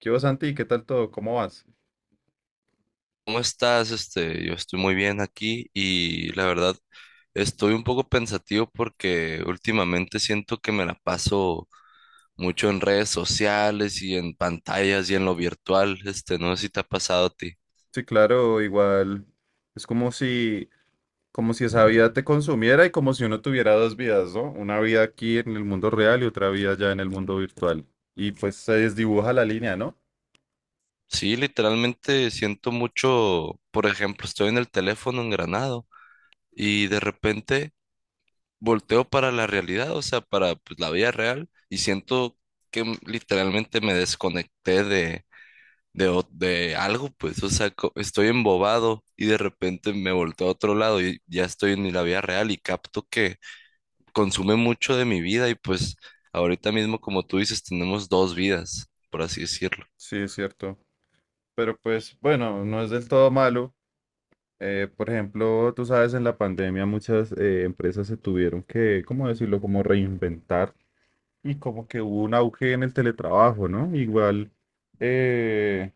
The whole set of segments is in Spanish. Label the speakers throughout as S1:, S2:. S1: ¿Qué vas, Santi? ¿Qué tal todo? ¿Cómo vas?
S2: ¿Cómo estás? Yo estoy muy bien aquí y la verdad estoy un poco pensativo porque últimamente siento que me la paso mucho en redes sociales y en pantallas y en lo virtual. No sé si te ha pasado a ti.
S1: Sí, claro, igual es como si esa vida te consumiera y como si uno tuviera dos vidas, ¿no? Una vida aquí en el mundo real y otra vida ya en el mundo virtual. Y pues se desdibuja la línea, ¿no?
S2: Sí, literalmente siento mucho, por ejemplo, estoy en el teléfono engranado y de repente volteo para la realidad, o sea, para pues, la vida real y siento que literalmente me desconecté de algo, pues, o sea, estoy embobado y de repente me volteo a otro lado y ya estoy en la vida real y capto que consume mucho de mi vida y pues ahorita mismo, como tú dices, tenemos dos vidas, por así decirlo.
S1: Sí, es cierto. Pero pues bueno, no es del todo malo. Por ejemplo, tú sabes, en la pandemia muchas empresas se tuvieron que, ¿cómo decirlo? Como reinventar y como que hubo un auge en el teletrabajo, ¿no? Igual, eh,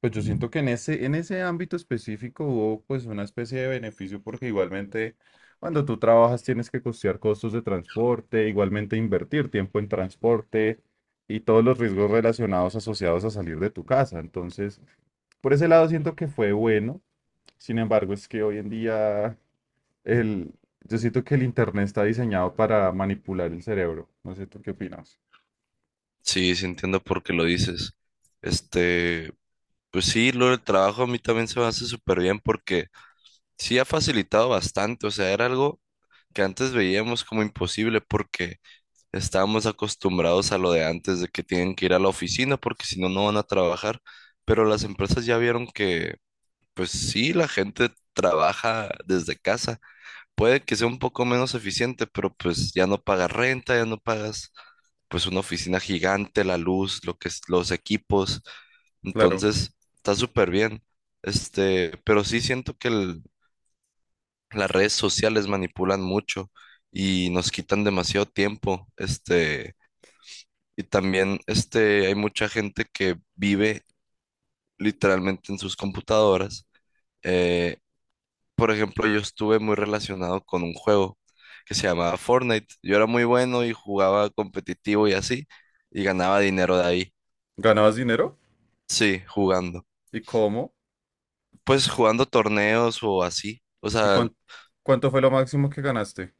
S1: pues yo siento que en ese ámbito específico hubo pues una especie de beneficio porque igualmente cuando tú trabajas tienes que costear costos de transporte, igualmente invertir tiempo en transporte y todos los riesgos relacionados asociados a salir de tu casa. Entonces, por ese lado siento que fue bueno. Sin embargo, es que hoy en día el, yo siento que el internet está diseñado para manipular el cerebro. No sé, ¿tú qué opinas?
S2: Sí, sí entiendo por qué lo dices. Este, pues sí, lo del trabajo a mí también se me hace súper bien porque sí ha facilitado bastante, o sea, era algo que antes veíamos como imposible porque estábamos acostumbrados a lo de antes, de que tienen que ir a la oficina porque si no, no van a trabajar, pero las empresas ya vieron que, pues sí, la gente trabaja desde casa. Puede que sea un poco menos eficiente, pero pues ya no pagas renta, ya no pagas pues una oficina gigante, la luz, lo que es, los equipos.
S1: Claro.
S2: Entonces, está súper bien. Pero sí siento que las redes sociales manipulan mucho y nos quitan demasiado tiempo. Y también hay mucha gente que vive literalmente en sus computadoras. Eh, por ejemplo, yo estuve muy relacionado con un juego que se llamaba Fortnite. Yo era muy bueno y jugaba competitivo y así, y ganaba dinero de ahí.
S1: ¿Ganabas dinero?
S2: Sí, jugando.
S1: ¿Y cómo?
S2: Pues jugando torneos o así. O
S1: ¿Y
S2: sea,
S1: cuánto fue lo máximo que ganaste?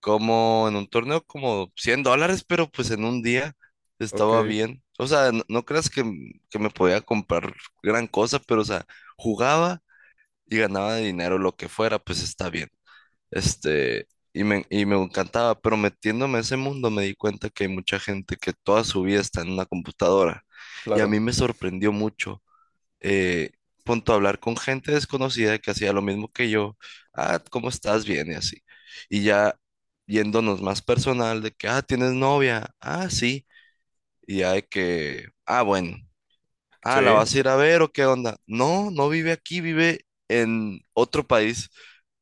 S2: como en un torneo como $100, pero pues en un día
S1: Ok,
S2: estaba bien. O sea, no, no creas que, que me podía comprar gran cosa, pero o sea, jugaba y ganaba dinero, lo que fuera, pues está bien. Este, y me, y me encantaba, pero metiéndome a ese mundo me di cuenta que hay mucha gente que toda su vida está en una computadora. Y a
S1: claro.
S2: mí me sorprendió mucho, eh, punto hablar con gente desconocida que hacía lo mismo que yo. Ah, ¿cómo estás? Bien, y así. Y ya yéndonos más personal, de que, ah, ¿tienes novia? Ah, sí. Y ya de que, ah, bueno. Ah, ¿la
S1: Sí,
S2: vas a ir a ver o qué onda? No, no vive aquí, vive en otro país.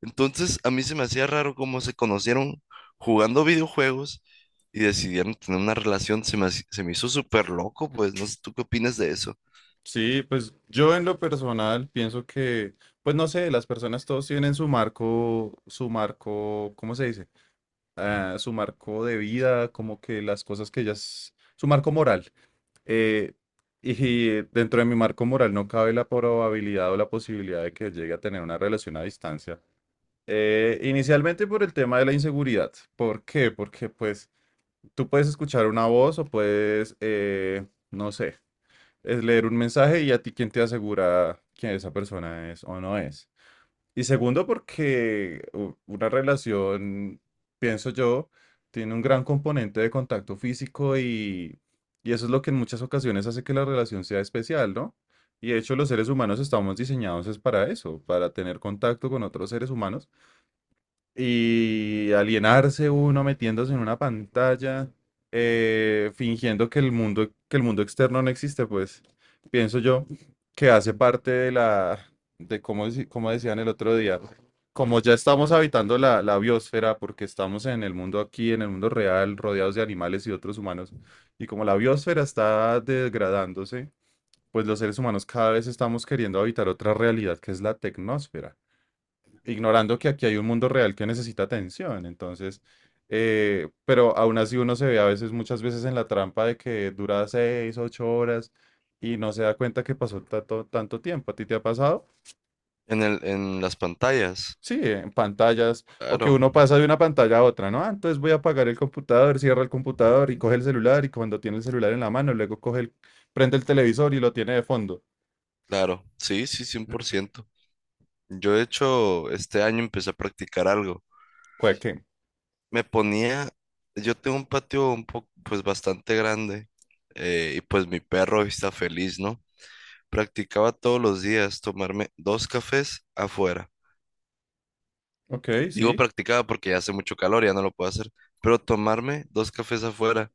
S2: Entonces, a mí se me hacía raro cómo se conocieron jugando videojuegos y decidieron tener una relación. Se me hizo súper loco, pues no sé, ¿tú qué opinas de eso?
S1: sí, pues yo en lo personal pienso que, pues no sé, las personas todos tienen su marco, ¿cómo se dice? Ah, su marco de vida, como que las cosas que ellas, su marco moral. Eh, y dentro de mi marco moral no cabe la probabilidad o la posibilidad de que llegue a tener una relación a distancia. Inicialmente por el tema de la inseguridad. ¿Por qué? Porque pues tú puedes escuchar una voz o puedes, no sé, es leer un mensaje y a ti quién te asegura que esa persona es o no es. Y segundo, porque una relación, pienso yo, tiene un gran componente de contacto físico y eso es lo que en muchas ocasiones hace que la relación sea especial, ¿no? Y de hecho los seres humanos estamos diseñados es para eso, para tener contacto con otros seres humanos y alienarse uno metiéndose en una pantalla, fingiendo que el mundo externo no existe, pues pienso yo que hace parte de la, como decían el otro día, como ya estamos habitando la biosfera, porque estamos en el mundo aquí, en el mundo real, rodeados de animales y otros humanos, y como la biosfera está degradándose, pues los seres humanos cada vez estamos queriendo habitar otra realidad que es la tecnósfera ignorando que aquí hay un mundo real que necesita atención. Entonces, pero aún así uno se ve a veces, muchas veces en la trampa de que dura 6, 8 horas y no se da cuenta que pasó tanto, tanto tiempo. ¿A ti te ha pasado?
S2: En las pantallas.
S1: Sí, en pantallas, o que
S2: Claro,
S1: uno pasa de una pantalla a otra, ¿no? Ah, entonces voy a apagar el computador, cierra el computador y coge el celular y cuando tiene el celular en la mano, luego prende el televisor y lo tiene de fondo.
S2: claro. Sí, sí, 100%. Yo, de hecho, este año empecé a practicar algo.
S1: ¿Cuál qué?
S2: Me ponía, yo tengo un patio pues bastante grande, y pues mi perro está feliz, ¿no? Practicaba todos los días tomarme dos cafés afuera.
S1: Ok,
S2: Digo
S1: sí,
S2: practicaba porque ya hace mucho calor, ya no lo puedo hacer. Pero tomarme dos cafés afuera,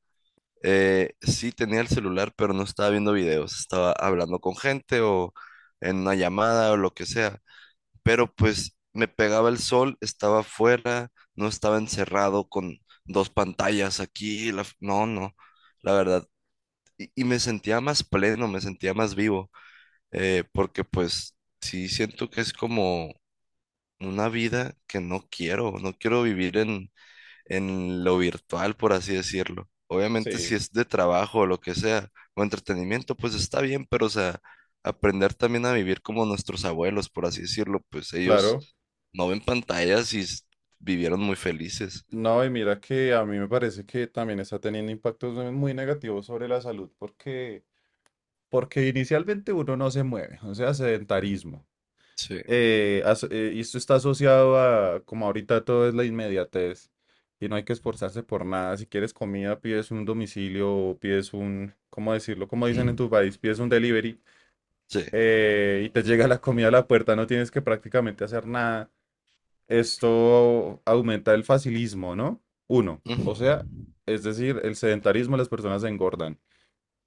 S2: sí tenía el celular, pero no estaba viendo videos, estaba hablando con gente o en una llamada o lo que sea. Pero pues me pegaba el sol, estaba afuera, no estaba encerrado con dos pantallas aquí. No, no, la verdad. Y me sentía más pleno, me sentía más vivo, porque pues sí siento que es como una vida que no quiero vivir en lo virtual, por así decirlo. Obviamente
S1: sí,
S2: si es de trabajo o lo que sea, o entretenimiento, pues está bien, pero o sea, aprender también a vivir como nuestros abuelos, por así decirlo, pues ellos
S1: claro.
S2: no ven pantallas y vivieron muy felices.
S1: No, y mira que a mí me parece que también está teniendo impactos muy negativos sobre la salud porque, porque inicialmente uno no se mueve, o sea, sedentarismo.
S2: Sí.
S1: Y esto está asociado a, como ahorita todo es la inmediatez y no hay que esforzarse por nada. Si quieres comida, pides un domicilio o pides un, ¿cómo decirlo? Como dicen en tu país, pides un delivery,
S2: Sí.
S1: y te llega la comida a la puerta, no tienes que prácticamente hacer nada. Esto aumenta el facilismo, ¿no? Uno, o
S2: Ujú.
S1: sea, es decir, el sedentarismo, las personas se engordan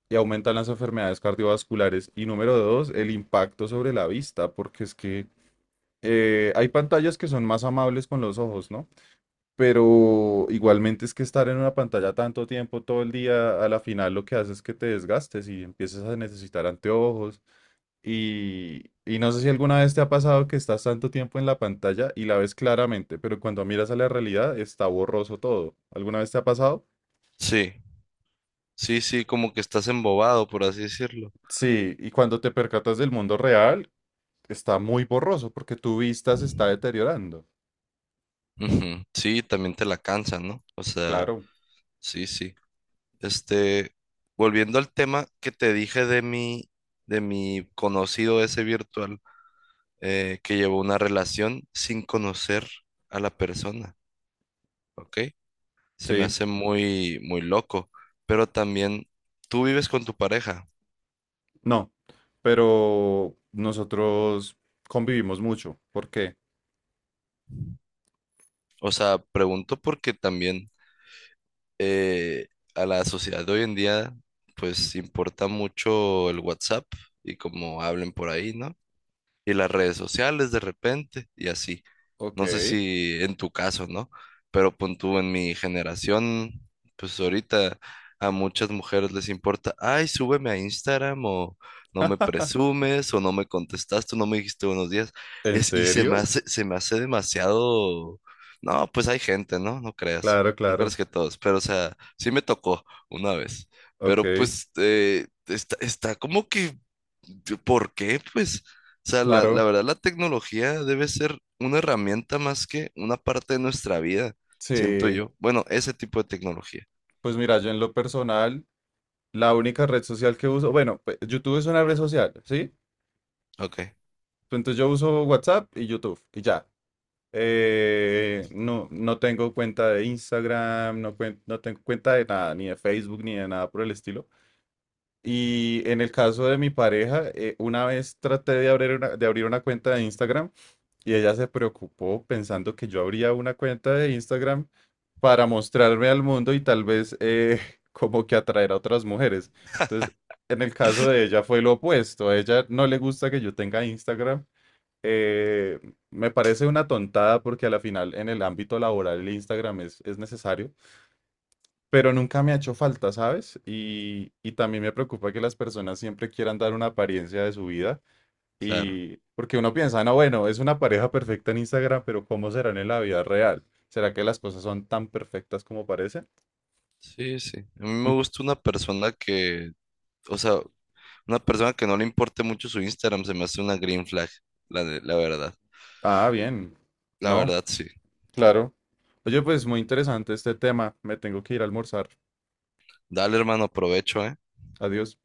S1: y aumentan las enfermedades cardiovasculares. Y número dos, el impacto sobre la vista, porque es que hay pantallas que son más amables con los ojos, ¿no? Pero igualmente es que estar en una pantalla tanto tiempo todo el día, a la final lo que hace es que te desgastes y empieces a necesitar anteojos, y no sé si alguna vez te ha pasado que estás tanto tiempo en la pantalla y la ves claramente, pero cuando miras a la realidad está borroso todo. ¿Alguna vez te ha pasado?
S2: Sí, sí, sí, como que estás embobado, por así decirlo.
S1: Sí, y cuando te percatas del mundo real, está muy borroso porque tu vista se está deteriorando.
S2: Ujú. Sí, también te la cansa, ¿no? O sea,
S1: Claro,
S2: sí, sí. Este, Volviendo al tema que te dije de mi conocido ese virtual, que llevó una relación sin conocer a la persona, ¿ok? Se me
S1: sí,
S2: hace muy, muy loco, pero también tú vives con tu pareja.
S1: no, pero nosotros convivimos mucho. ¿Por qué?
S2: O sea, pregunto porque también eh, a la sociedad de hoy en día, pues importa mucho el WhatsApp y cómo hablen por ahí, ¿no?, y las redes sociales de repente y así.
S1: Ok.
S2: No sé si en tu caso, ¿no? Pero pon tú en mi generación, pues ahorita a muchas mujeres les importa, ay, súbeme a Instagram o no me presumes o no me contestaste, no me dijiste buenos días.
S1: ¿En
S2: Es, y
S1: serio?
S2: se me hace demasiado... No, pues hay gente, ¿no? No creas,
S1: Claro,
S2: no
S1: claro.
S2: creas que todos, pero o sea, sí me tocó una vez,
S1: Ok,
S2: pero pues está, está como que ¿por qué? Pues o sea, la
S1: claro.
S2: verdad, la tecnología debe ser una herramienta más que una parte de nuestra vida, siento
S1: Sí.
S2: yo. Bueno, ese tipo de tecnología.
S1: Pues mira, yo en lo personal... La única red social que uso, bueno, pues, YouTube es una red social, ¿sí?
S2: Ok,
S1: Entonces yo uso WhatsApp y YouTube y ya. No, no tengo cuenta de Instagram, no, no tengo cuenta de nada, ni de Facebook, ni de nada por el estilo. Y en el caso de mi pareja, una vez traté de abrir una cuenta de Instagram y ella se preocupó pensando que yo abría una cuenta de Instagram para mostrarme al mundo y tal vez como que atraer a otras mujeres. Entonces, en el caso de ella fue lo opuesto. A ella no le gusta que yo tenga Instagram. Eh, Me parece una tontada porque a la final en el ámbito laboral el Instagram es necesario, pero nunca me ha hecho falta, ¿sabes? Y también me preocupa que las personas siempre quieran dar una apariencia de su vida
S2: claro.
S1: y porque uno piensa, no, bueno, es una pareja perfecta en Instagram, pero ¿cómo serán en la vida real? ¿Será que las cosas son tan perfectas como parecen?
S2: Sí, sí. A mí me gusta una persona que, o sea, una persona que no le importe mucho su Instagram, se me hace una green flag, la verdad.
S1: Ah, bien.
S2: La
S1: No,
S2: verdad, sí.
S1: claro. Oye, pues muy interesante este tema. Me tengo que ir a almorzar.
S2: Dale, hermano, provecho, ¿eh?
S1: Adiós.